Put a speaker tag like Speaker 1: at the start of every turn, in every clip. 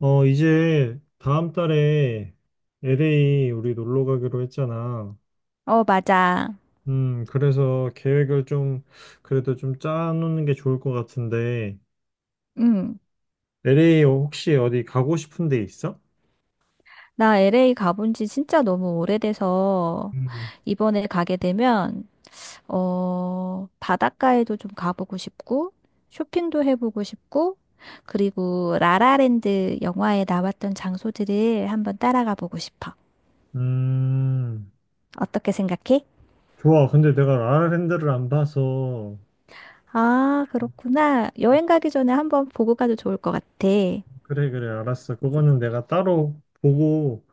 Speaker 1: 이제 다음 달에 LA 우리 놀러 가기로 했잖아.
Speaker 2: 어, 맞아.
Speaker 1: 그래서 계획을 좀 그래도 좀 짜놓는 게 좋을 것 같은데
Speaker 2: 응.
Speaker 1: LA 혹시 어디 가고 싶은 데 있어?
Speaker 2: 나 LA 가본 지 진짜 너무 오래돼서
Speaker 1: 음.
Speaker 2: 이번에 가게 되면, 어, 바닷가에도 좀 가보고 싶고, 쇼핑도 해보고 싶고, 그리고 라라랜드 영화에 나왔던 장소들을 한번 따라가 보고 싶어.
Speaker 1: 음,
Speaker 2: 어떻게 생각해?
Speaker 1: 좋아. 근데 내가 라라랜드를 안 봐서
Speaker 2: 아, 그렇구나. 여행 가기 전에 한번 보고 가도 좋을 것 같아.
Speaker 1: 그래 그래 알았어. 그거는 내가 따로 보고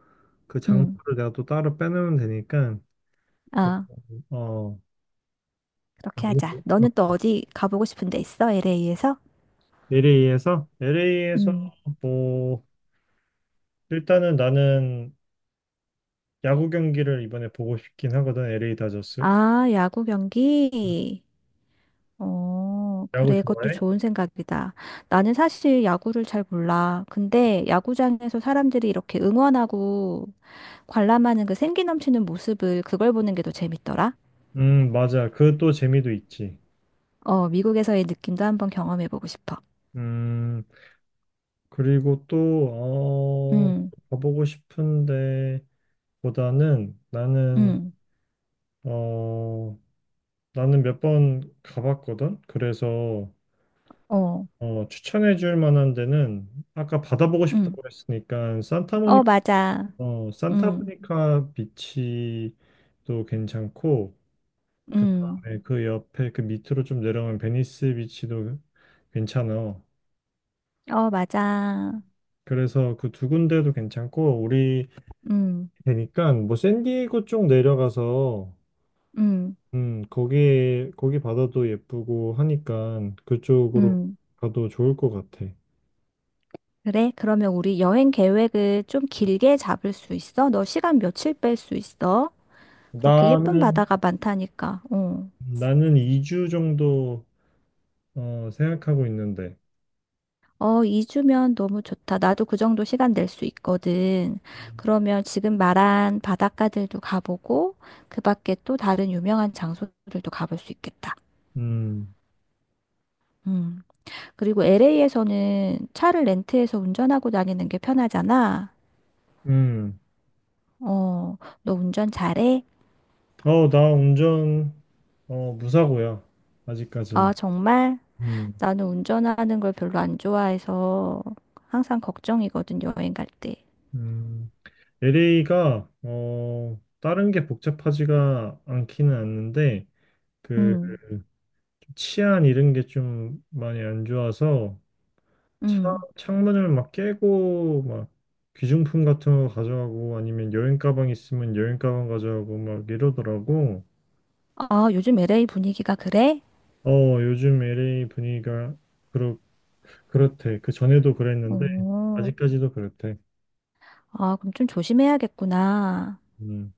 Speaker 1: 그
Speaker 2: 응.
Speaker 1: 장소를 내가 또 따로 빼놓으면 되니까 그,
Speaker 2: 어,
Speaker 1: 어,
Speaker 2: 그렇게
Speaker 1: 나중에
Speaker 2: 하자. 너는 또 어디 가보고 싶은 데 있어? LA에서?
Speaker 1: LA에서 뭐 일단은 나는 야구 경기를 이번에 보고 싶긴 하거든. LA 다저스.
Speaker 2: 아, 야구 경기? 어,
Speaker 1: 야구
Speaker 2: 그래, 그것도
Speaker 1: 좋아해?
Speaker 2: 좋은 생각이다. 나는 사실 야구를 잘 몰라. 근데 야구장에서 사람들이 이렇게 응원하고 관람하는 그 생기 넘치는 모습을 그걸 보는 게 더 재밌더라.
Speaker 1: 맞아. 그 또 재미도 있지.
Speaker 2: 어, 미국에서의 느낌도 한번 경험해보고 싶어.
Speaker 1: 음, 그리고 또, 어,
Speaker 2: 응,
Speaker 1: 가보고 싶은데 보다는
Speaker 2: 응,
Speaker 1: 어, 나는 몇 번 가봤거든. 그래서,
Speaker 2: 어,
Speaker 1: 추천해 줄 만한 데는 아까 바다 보고
Speaker 2: 응.
Speaker 1: 싶다고 했으니까
Speaker 2: 어, 맞아. 응,
Speaker 1: 산타모니카 비치도 괜찮고, 그
Speaker 2: 응,
Speaker 1: 다음에 그 옆에 그 밑으로 좀 내려오면 베니스 비치도 괜찮아.
Speaker 2: 어, 맞아.
Speaker 1: 그래서 그 두 군데도 괜찮고 우리
Speaker 2: 응,
Speaker 1: 되니까 뭐 샌디에고 쪽 내려가서
Speaker 2: 응,
Speaker 1: 거기 바다도 예쁘고 하니까 그쪽으로
Speaker 2: 응.
Speaker 1: 가도 좋을 것 같아.
Speaker 2: 그래, 그러면 우리 여행 계획을 좀 길게 잡을 수 있어? 너 시간 며칠 뺄 수 있어? 그렇게 예쁜
Speaker 1: 나는
Speaker 2: 바다가 많다니까. 어.
Speaker 1: 나는 2주 정도 생각하고 있는데.
Speaker 2: 어, 2주면 너무 좋다. 나도 그 정도 시간 낼 수 있거든. 그러면 지금 말한 바닷가들도 가보고, 그 밖에 또 다른 유명한 장소들도 가볼 수 있겠다.
Speaker 1: 음.
Speaker 2: 음. 그리고 LA에서는 차를 렌트해서 운전하고 다니는 게 편하잖아.
Speaker 1: 음.
Speaker 2: 어, 너 운전 잘해?
Speaker 1: 나 운전 무사고야.
Speaker 2: 아,
Speaker 1: 아직까지는.
Speaker 2: 정말?
Speaker 1: 음.
Speaker 2: 나는 운전하는 걸 별로 안 좋아해서 항상 걱정이거든, 여행 갈 때.
Speaker 1: 음. LA가 다른 게 복잡하지가 않기는 않는데 그
Speaker 2: 음,
Speaker 1: 치안 이런 게 좀 많이 안 좋아서 차,
Speaker 2: 음.
Speaker 1: 창문을 막 깨고 막 귀중품 같은 거 가져가고 아니면 여행 가방 있으면 여행 가방 가져가고 막 이러더라고.
Speaker 2: 아, 요즘 LA 분위기가 그래?
Speaker 1: 어 요즘 LA 분위기가 그렇 그렇대. 그 전에도 그랬는데
Speaker 2: 어,
Speaker 1: 아직까지도 그렇대.
Speaker 2: 아, 그럼 좀 조심해야겠구나.
Speaker 1: 음.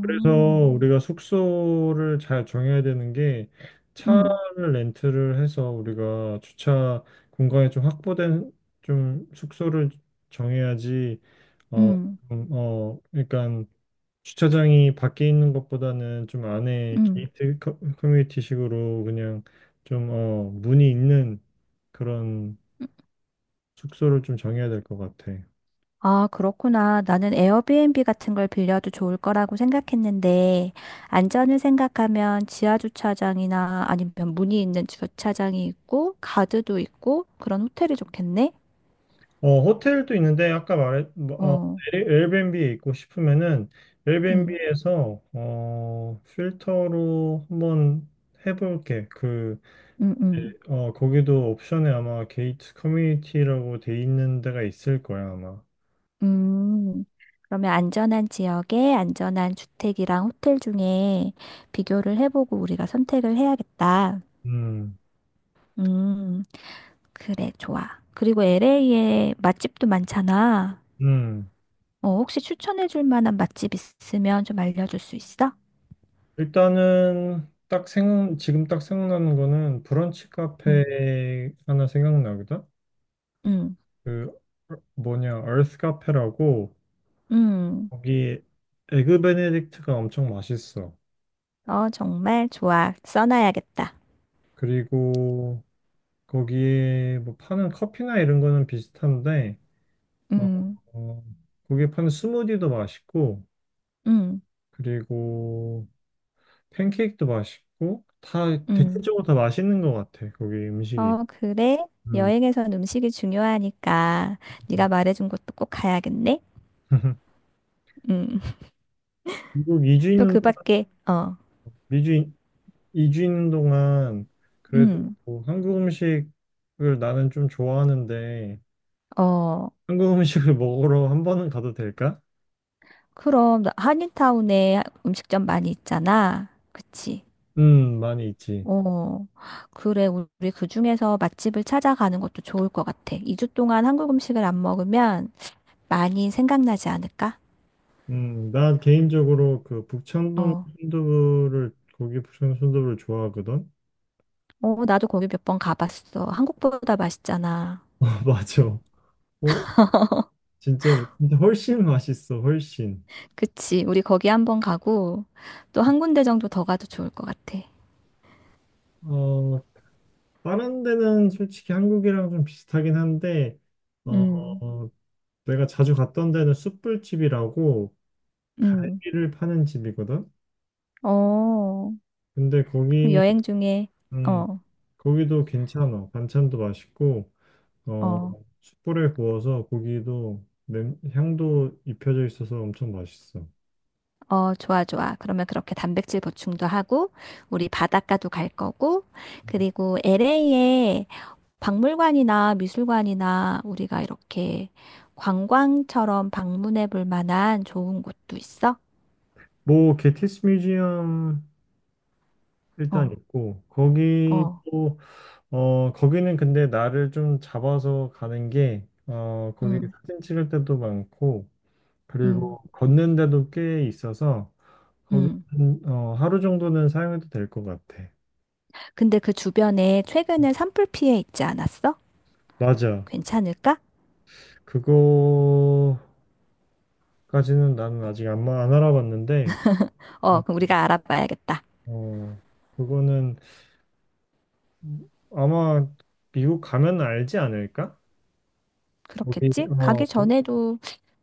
Speaker 1: 그래서 우리가 숙소를 잘 정해야 되는 게
Speaker 2: 음,
Speaker 1: 차를 렌트를 해서 우리가 주차 공간이 좀 확보된 좀 숙소를 정해야지 어,
Speaker 2: 음,
Speaker 1: 좀, 그러니까 주차장이 밖에 있는 것보다는 좀 안에
Speaker 2: 음.
Speaker 1: 게이트 커뮤니티식으로 그냥 좀 문이 있는 그런 숙소를 좀 정해야 될 것 같아.
Speaker 2: 아, 그렇구나. 나는 에어비앤비 같은 걸 빌려도 좋을 거라고 생각했는데, 안전을 생각하면 지하 주차장이나 아니면 문이 있는 주차장이 있고, 가드도 있고, 그런 호텔이 좋겠네?
Speaker 1: 어, 호텔도 있는데 아까 말했 뭐,
Speaker 2: 어,
Speaker 1: 에어비앤비에 있고 싶으면은
Speaker 2: 음.
Speaker 1: 에어비앤비에서 필터로 한번 해볼게.
Speaker 2: 음, 음.
Speaker 1: 거기도 옵션에 아마 게이트 커뮤니티라고 돼 있는 데가 있을 거야, 아마.
Speaker 2: 음. 그러면 안전한 지역에 안전한 주택이랑 호텔 중에 비교를 해보고 우리가 선택을 해야겠다.
Speaker 1: 음.
Speaker 2: 음, 그래, 좋아. 그리고 LA에 맛집도 많잖아.
Speaker 1: 음.
Speaker 2: 어, 혹시 추천해줄 만한 맛집 있으면 좀 알려줄 수 있어?
Speaker 1: 일단은 딱 지금 딱 생각나는 거는 브런치 카페 하나 생각나거든.
Speaker 2: 응응응.
Speaker 1: 그 뭐냐, 얼스 카페라고 거기 에그 베네딕트가 엄청 맛있어.
Speaker 2: 어, 정말 좋아. 써놔야겠다.
Speaker 1: 그리고 거기에 뭐 파는 커피나 이런 거는 비슷한데, 어,
Speaker 2: 응응응.
Speaker 1: 어, 거기에 파는 스무디도 맛있고, 그리고 팬케이크도 맛있고, 다 대체적으로 다 맛있는 것 같아. 거기 음식이.
Speaker 2: 어, 그래.
Speaker 1: 음.
Speaker 2: 여행에선 음식이 중요하니까 네가 말해준 곳도 꼭 가야겠네. 음.
Speaker 1: 미국 2주
Speaker 2: 또
Speaker 1: 있는
Speaker 2: 그
Speaker 1: 동안,
Speaker 2: 밖에, 어,
Speaker 1: 미주 이 주 있는 동안 그래도
Speaker 2: 음,
Speaker 1: 뭐 한국 음식을 나는 좀 좋아하는데,
Speaker 2: 어,
Speaker 1: 한국 음식을 먹으러 한 번은 가도 될까?
Speaker 2: 그럼, 한인타운에 음식점 많이 있잖아. 그치?
Speaker 1: 많이 있지.
Speaker 2: 어, 그래. 우리 그 중에서 맛집을 찾아가는 것도 좋을 것 같아. 2주 동안 한국 음식을 안 먹으면 많이 생각나지 않을까?
Speaker 1: 나 개인적으로 그 북창동
Speaker 2: 어,
Speaker 1: 순두부를 고기 북창동 순두부를 좋아하거든.
Speaker 2: 어, 나도 거기 몇 번 가봤어. 한국보다 맛있잖아.
Speaker 1: 아, 맞아. 어, 진짜 진짜 훨씬 맛있어. 훨씬.
Speaker 2: 그치? 우리 거기 한번 가고, 또 한 군데 정도 더 가도 좋을 것 같아.
Speaker 1: 어, 다른 데는 솔직히 한국이랑 좀 비슷하긴 한데 어,
Speaker 2: 음,
Speaker 1: 내가 자주 갔던 데는 숯불집이라고
Speaker 2: 음,
Speaker 1: 갈비를 파는 집이거든.
Speaker 2: 어,
Speaker 1: 근데
Speaker 2: 그럼 여행 중에,
Speaker 1: 음,
Speaker 2: 어,
Speaker 1: 거기도 괜찮아. 반찬도 맛있고 어,
Speaker 2: 어,
Speaker 1: 숯불에 구워서 고기도 향도 입혀져 있어서 엄청 맛있어.
Speaker 2: 어, 좋아, 좋아. 그러면 그렇게 단백질 보충도 하고, 우리 바닷가도 갈 거고, 그리고 LA에 박물관이나 미술관이나 우리가 이렇게 관광처럼 방문해 볼 만한 좋은 곳도 있어?
Speaker 1: 뭐 게티스 뮤지엄 일단
Speaker 2: 어,
Speaker 1: 있고
Speaker 2: 어,
Speaker 1: 거기도 거기는 근데 나를 좀 잡아서 가는 게 거기
Speaker 2: 음,
Speaker 1: 사진 찍을 때도 많고 그리고
Speaker 2: 음,
Speaker 1: 걷는 데도 꽤 있어서 거기
Speaker 2: 음.
Speaker 1: 하루 정도는 사용해도 될 것 같아.
Speaker 2: 근데 그 주변에 최근에 산불 피해 있지 않았어?
Speaker 1: 맞아.
Speaker 2: 괜찮을까?
Speaker 1: 그거까지는 나는 아직 안 알아봤는데,
Speaker 2: 어,
Speaker 1: 어,
Speaker 2: 그럼 우리가 알아봐야겠다.
Speaker 1: 어, 그거는 아마 미국 가면 알지 않을까? 거기
Speaker 2: 그렇겠지?
Speaker 1: 어,
Speaker 2: 가기 전에도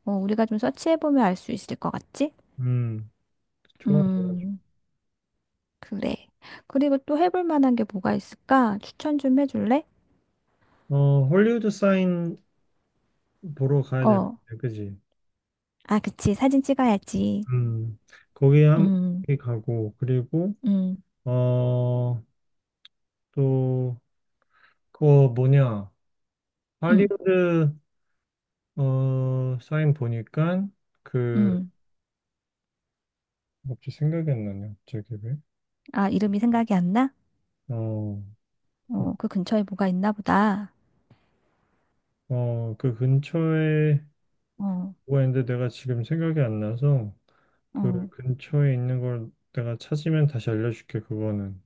Speaker 2: 어, 우리가 좀 서치해 보면 알 수 있을 것 같지?
Speaker 1: 음, 좋아.
Speaker 2: 음. 그래. 그리고 또 해볼 만한 게 뭐가 있을까? 추천 좀 해줄래?
Speaker 1: 헐리우드 사인 보러 가야 될 것
Speaker 2: 어.
Speaker 1: 같아, 그지?
Speaker 2: 아, 그치. 사진 찍어야지.
Speaker 1: 음, 거기 한
Speaker 2: 음,
Speaker 1: 거기 가고 그리고
Speaker 2: 음,
Speaker 1: 어, 또 그거 뭐냐?
Speaker 2: 음,
Speaker 1: 할리우드 사인 보니까 그
Speaker 2: 음.
Speaker 1: 갑자기 생각이 안 나냐? 갑자기 왜?
Speaker 2: 아, 이름이 생각이 안 나?
Speaker 1: 어,
Speaker 2: 어, 그 근처에 뭐가 있나 보다.
Speaker 1: 그 근처에
Speaker 2: 어,
Speaker 1: 뭐가 있는데 내가 지금 생각이 안 나서 그
Speaker 2: 어.
Speaker 1: 근처에 있는 걸 내가 찾으면 다시 알려줄게, 그거는.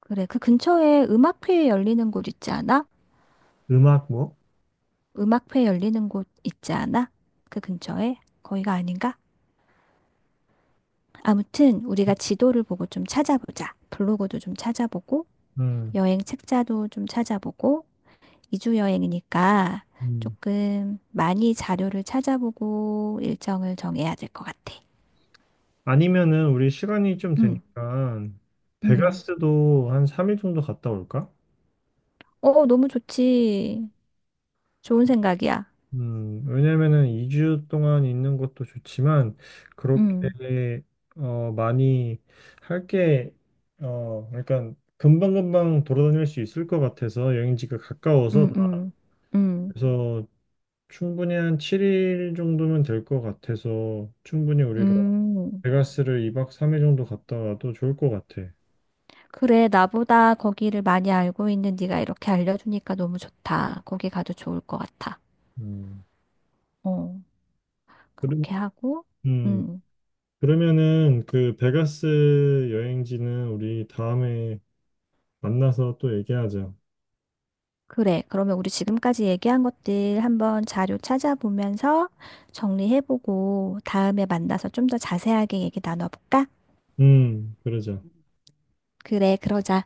Speaker 2: 그래. 그 근처에 음악회 열리는 곳 있지 않아?
Speaker 1: 음악 뭐?
Speaker 2: 음악회 열리는 곳 있지 않아? 그 근처에? 거기가 아닌가? 아무튼 우리가 지도를 보고 좀 찾아보자. 블로그도 좀 찾아보고
Speaker 1: 음.
Speaker 2: 여행 책자도 좀 찾아보고 2주 여행이니까
Speaker 1: 음.
Speaker 2: 조금 많이 자료를 찾아보고 일정을 정해야 될 것 같아.
Speaker 1: 아니면은 우리 시간이 좀
Speaker 2: 응,
Speaker 1: 되니까
Speaker 2: 응.
Speaker 1: 베가스도 한 3일 정도 갔다 올까?
Speaker 2: 어, 너무 좋지. 좋은 생각이야.
Speaker 1: 왜냐면은 2주 동안 있는 것도 좋지만
Speaker 2: 응,
Speaker 1: 그렇게 많이 할 게 그러니까 금방금방 돌아다닐 수 있을 것 같아서 여행지가 가까워서
Speaker 2: 응, 응, 응,
Speaker 1: 그래서 충분히 한 7일 정도면 될 것 같아서 충분히 우리가
Speaker 2: 응.
Speaker 1: 베가스를 2박 3일 정도 갔다 와도 좋을 것 같아.
Speaker 2: 그래, 나보다 거기를 많이 알고 있는 네가 이렇게 알려주니까 너무 좋다. 거기 가도 좋을 것 같아.
Speaker 1: 음.
Speaker 2: 어,
Speaker 1: 그러,
Speaker 2: 그렇게 하고,
Speaker 1: 음.
Speaker 2: 응.
Speaker 1: 그러면은 그 베가스 여행지는 우리 다음에 만나서 또 얘기하자.
Speaker 2: 그래. 그러면 우리 지금까지 얘기한 것들 한번 자료 찾아보면서 정리해보고 다음에 만나서 좀 더 자세하게 얘기 나눠볼까?
Speaker 1: 그러자.
Speaker 2: 그래, 그러자.